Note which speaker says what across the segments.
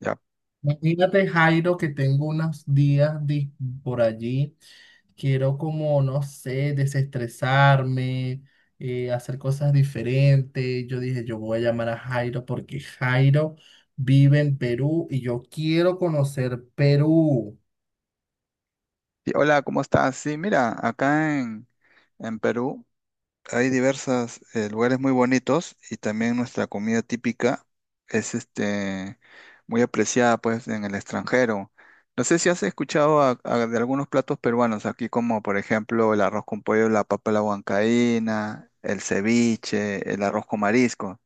Speaker 1: Ya.
Speaker 2: Imagínate, Jairo, que tengo unos días por allí. Quiero como, no sé, desestresarme, hacer cosas diferentes. Yo dije, yo voy a llamar a Jairo porque Jairo vive en Perú y yo quiero conocer Perú.
Speaker 1: Hola, ¿cómo estás? Sí, mira, en Perú hay diversos lugares muy bonitos y también nuestra comida típica es muy apreciada pues en el extranjero. No sé si has escuchado de algunos platos peruanos aquí como por ejemplo el arroz con pollo, la papa a la huancaína, el ceviche, el arroz con marisco.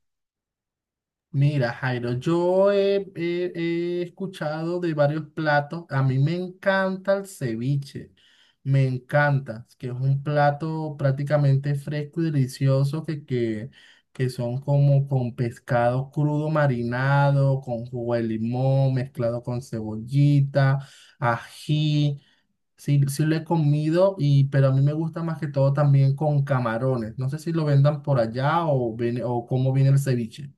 Speaker 2: Mira, Jairo, yo he escuchado de varios platos. A mí me encanta el ceviche, me encanta, que es un plato prácticamente fresco y delicioso que son como con pescado crudo marinado, con jugo de limón, mezclado con cebollita, ají. Sí, sí lo he comido, y, pero a mí me gusta más que todo también con camarones. No sé si lo vendan por allá o, o cómo viene el ceviche.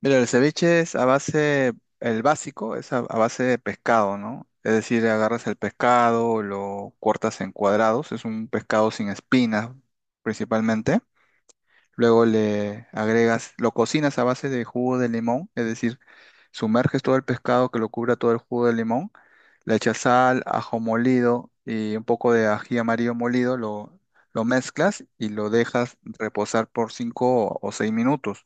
Speaker 1: Mira, el básico es a base de pescado, ¿no? Es decir, agarras el pescado, lo cortas en cuadrados, es un pescado sin espinas principalmente. Luego le agregas, lo cocinas a base de jugo de limón, es decir, sumerges todo el pescado que lo cubra todo el jugo de limón, le echas sal, ajo molido y un poco de ají amarillo molido, lo mezclas y lo dejas reposar por 5 o 6 minutos.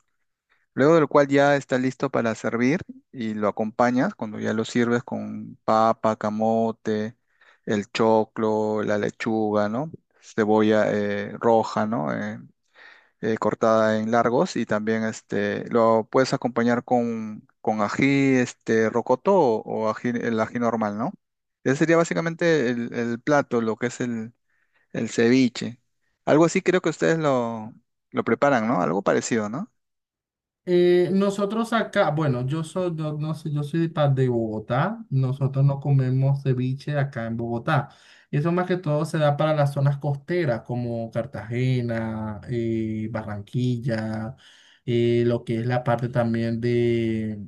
Speaker 1: Luego del cual ya está listo para servir y lo acompañas cuando ya lo sirves con papa, camote, el choclo, la lechuga, ¿no? Cebolla roja, ¿no? Cortada en largos y también lo puedes acompañar con ají rocoto o ají, el ají normal, ¿no? Ese sería básicamente el plato, lo que es el ceviche. Algo así creo que ustedes lo preparan, ¿no? Algo parecido, ¿no?
Speaker 2: Nosotros acá, bueno, yo soy, yo, no sé, yo soy de Bogotá, nosotros no comemos ceviche acá en Bogotá. Eso más que todo se da para las zonas costeras como Cartagena, Barranquilla, lo que es la parte también de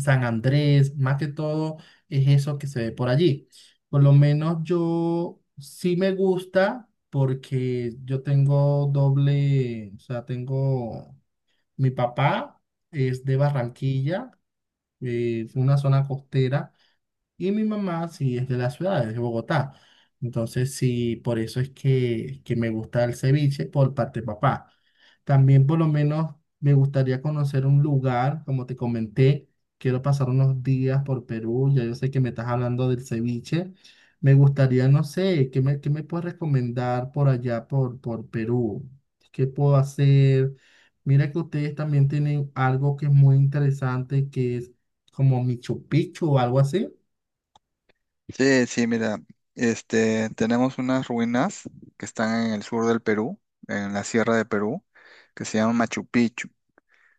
Speaker 2: San Andrés, más que todo es eso que se ve por allí. Por lo menos yo sí me gusta porque yo tengo doble, o sea, tengo... Mi papá es de Barranquilla, una zona costera. Y mi mamá sí es de la ciudad, es de Bogotá. Entonces sí, por eso es que me gusta el ceviche por parte de papá. También por lo menos me gustaría conocer un lugar, como te comenté, quiero pasar unos días por Perú, ya yo sé que me estás hablando del ceviche. Me gustaría, no sé, qué me puedes recomendar por allá, por Perú? ¿Qué puedo hacer? Mira que ustedes también tienen algo que es muy interesante, que es como Machu Picchu o algo así.
Speaker 1: Sí, sí, mira, tenemos unas ruinas que están en el sur del Perú, en la sierra de Perú, que se llaman Machu Picchu,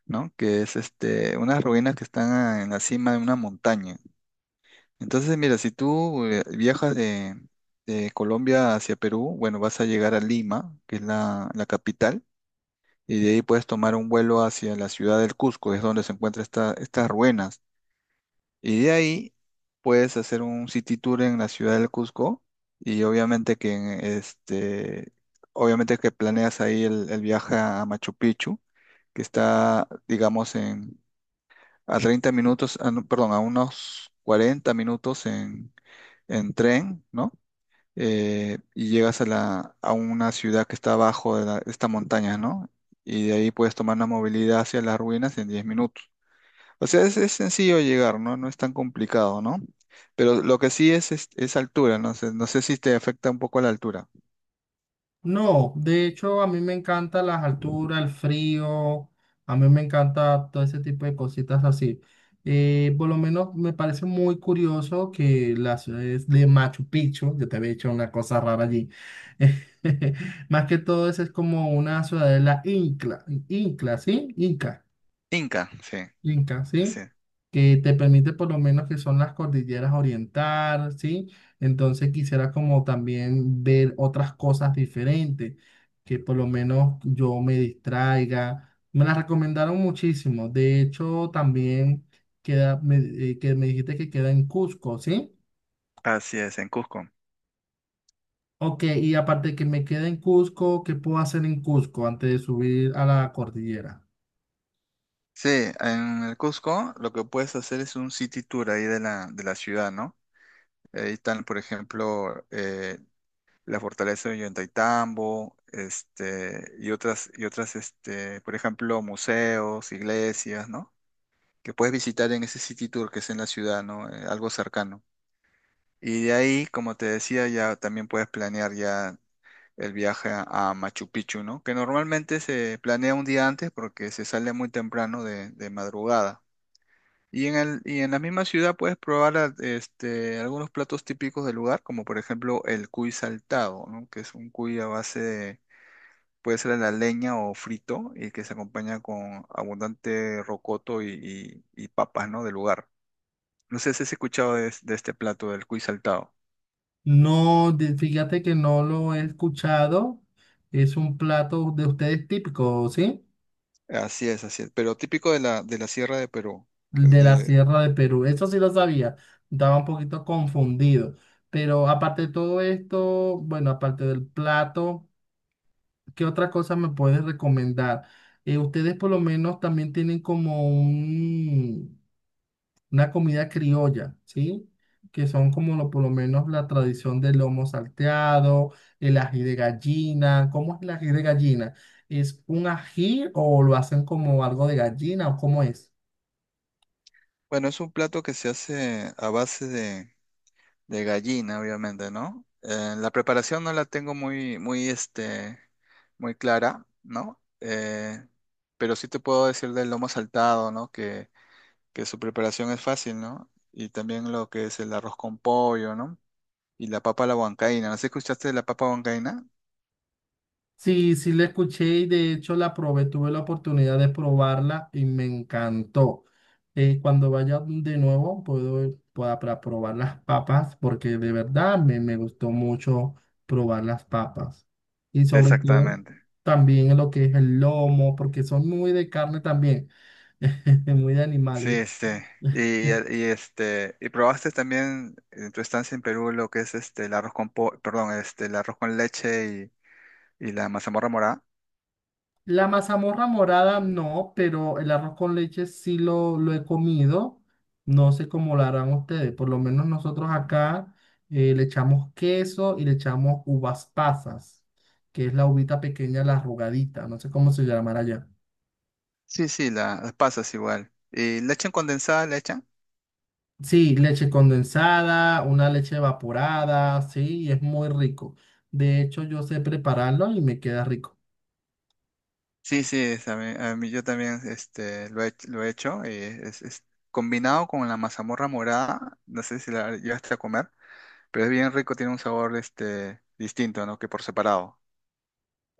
Speaker 1: ¿no? Que es unas ruinas que están en la cima de una montaña. Entonces, mira, si tú viajas de Colombia hacia Perú, bueno, vas a llegar a Lima, que es la capital, y de ahí puedes tomar un vuelo hacia la ciudad del Cusco, es donde se encuentran estas ruinas. Y de ahí puedes hacer un city tour en la ciudad del Cusco y obviamente que en este, obviamente que planeas ahí el viaje a Machu Picchu, que está, digamos, en a 30 minutos, ah, no, perdón, a unos 40 minutos en tren, ¿no? Y llegas a a una ciudad que está abajo de esta montaña, ¿no? Y de ahí puedes tomar la movilidad hacia las ruinas en 10 minutos. O sea, es sencillo llegar, ¿no? No es tan complicado, ¿no? Pero lo que sí es altura, no sé, no sé si te afecta un poco la altura.
Speaker 2: No, de hecho a mí me encanta las alturas, el frío, a mí me encanta todo ese tipo de cositas así. Por lo menos me parece muy curioso que las ciudades de Machu Picchu, yo te había dicho una cosa rara allí, más que todo eso es como una ciudadela ¿sí? Inca.
Speaker 1: Inca, sí,
Speaker 2: Inca,
Speaker 1: así,
Speaker 2: ¿sí? Que te permite por lo menos que son las cordilleras oriental, ¿sí? Entonces quisiera como también ver otras cosas diferentes, que por lo menos yo me distraiga. Me las recomendaron muchísimo. De hecho, también queda, me- que me dijiste que queda en Cusco, ¿sí?
Speaker 1: así es, en Cusco.
Speaker 2: Ok, y aparte que me queda en Cusco, ¿qué puedo hacer en Cusco antes de subir a la cordillera?
Speaker 1: Sí, en el Cusco lo que puedes hacer es un city tour ahí de de la ciudad, ¿no? Ahí están, por ejemplo, la fortaleza de Ollantaytambo, y otras, por ejemplo, museos, iglesias, ¿no? Que puedes visitar en ese city tour que es en la ciudad, ¿no? Algo cercano. Y de ahí, como te decía, ya también puedes planear ya el viaje a Machu Picchu, ¿no? Que normalmente se planea un día antes porque se sale muy temprano de madrugada. Y en la misma ciudad puedes probar algunos platos típicos del lugar, como por ejemplo el cuy saltado, ¿no? Que es un cuy a base de, puede ser a la leña o frito, y que se acompaña con abundante rocoto y papas, ¿no? Del lugar. No sé si has escuchado de este plato del cuy saltado.
Speaker 2: No, fíjate que no lo he escuchado. Es un plato de ustedes típico, ¿sí?
Speaker 1: Así es, así es. Pero típico de de la Sierra de Perú.
Speaker 2: De la
Speaker 1: De-
Speaker 2: Sierra de Perú. Eso sí lo sabía. Estaba un poquito confundido. Pero aparte de todo esto, bueno, aparte del plato, ¿qué otra cosa me puedes recomendar? Ustedes por lo menos también tienen como un, una comida criolla, ¿sí? Que son como por lo menos la tradición del lomo salteado, el ají de gallina. ¿Cómo es el ají de gallina? ¿Es un ají o lo hacen como algo de gallina o cómo es?
Speaker 1: bueno, es un plato que se hace a base de gallina, obviamente, ¿no? La preparación no la tengo muy clara, ¿no? Pero sí te puedo decir del lomo saltado, ¿no? Que su preparación es fácil, ¿no? Y también lo que es el arroz con pollo, ¿no? Y la papa a la huancaína. ¿No sé si escuchaste de la papa huancaína?
Speaker 2: Sí, sí la escuché y de hecho la probé, tuve la oportunidad de probarla y me encantó. Cuando vaya de nuevo puedo pueda para probar las papas porque de verdad me gustó mucho probar las papas. Y sobre todo
Speaker 1: Exactamente.
Speaker 2: también en lo que es el lomo, porque son muy de carne también, muy de
Speaker 1: Sí,
Speaker 2: animales.
Speaker 1: este. Y, ¿Y probaste también en tu estancia en Perú lo que es este el arroz con el arroz con leche y la mazamorra morada?
Speaker 2: La mazamorra morada no, pero el arroz con leche sí lo he comido. No sé cómo lo harán ustedes. Por lo menos nosotros acá le echamos queso y le echamos uvas pasas, que es la uvita pequeña, la arrugadita. No sé cómo se llamará allá.
Speaker 1: Sí, sí, las pasas igual. ¿Y leche condensada le echan?
Speaker 2: Sí, leche condensada, una leche evaporada, sí, y es muy rico. De hecho, yo sé prepararlo y me queda rico.
Speaker 1: Sí, sí, es a yo también lo he, lo he hecho. Y es combinado con la mazamorra morada, no sé si la llevaste a comer, pero es bien rico, tiene un sabor distinto, ¿no? Que por separado.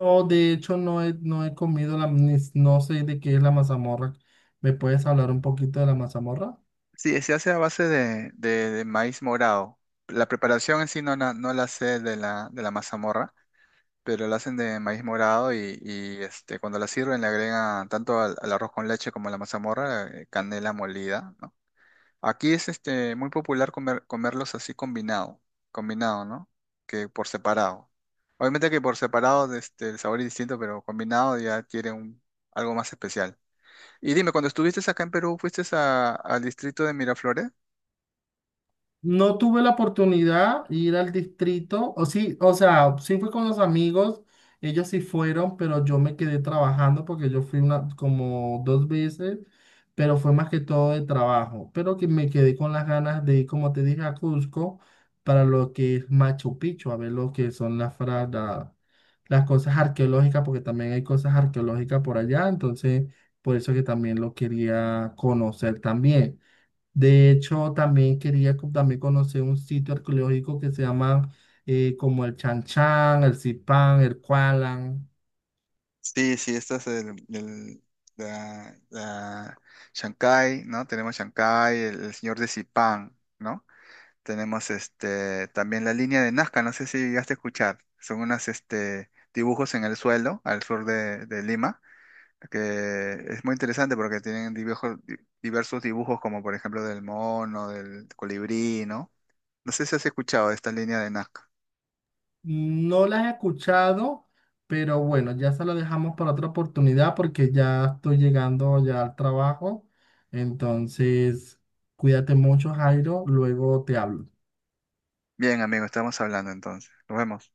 Speaker 2: No, de hecho no he comido la, no sé de qué es la mazamorra. ¿Me puedes hablar un poquito de la mazamorra?
Speaker 1: Sí, se hace a base de maíz morado. La preparación en sí no la sé de de la mazamorra, pero la hacen de maíz morado cuando la sirven le agregan tanto al arroz con leche como a la mazamorra canela molida, ¿no? Aquí es muy popular comerlos así combinado, ¿no? Que por separado. Obviamente que por separado el sabor es distinto, pero combinado ya adquiere algo más especial. Y dime, cuando estuviste acá en Perú, ¿fuiste al distrito de Miraflores?
Speaker 2: No tuve la oportunidad de ir al distrito, o sí, o sea, sí fui con los amigos, ellos sí fueron, pero yo me quedé trabajando porque yo fui una, como dos veces, pero fue más que todo de trabajo, pero que me quedé con las ganas de ir, como te dije, a Cusco para lo que es Machu Picchu, a ver lo que son las cosas arqueológicas, porque también hay cosas arqueológicas por allá, entonces por eso que también lo quería conocer también. De hecho, también quería también conocer un sitio arqueológico que se llama como el Chan Chan, el Zipán, el Kualan.
Speaker 1: Sí, sí, esta es la, la Shanghái, ¿no? Tenemos Shanghái, el señor de Zipán, ¿no? Tenemos este también la línea de Nazca, no sé si llegaste a escuchar. Son unos dibujos en el suelo, al sur de Lima, que es muy interesante porque tienen diversos dibujos, como por ejemplo del mono, del colibrí, ¿no? No sé si has escuchado esta línea de Nazca.
Speaker 2: No las he escuchado, pero bueno, ya se lo dejamos para otra oportunidad porque ya estoy llegando ya al trabajo. Entonces, cuídate mucho, Jairo. Luego te hablo.
Speaker 1: Bien, amigo, estamos hablando entonces. Nos vemos.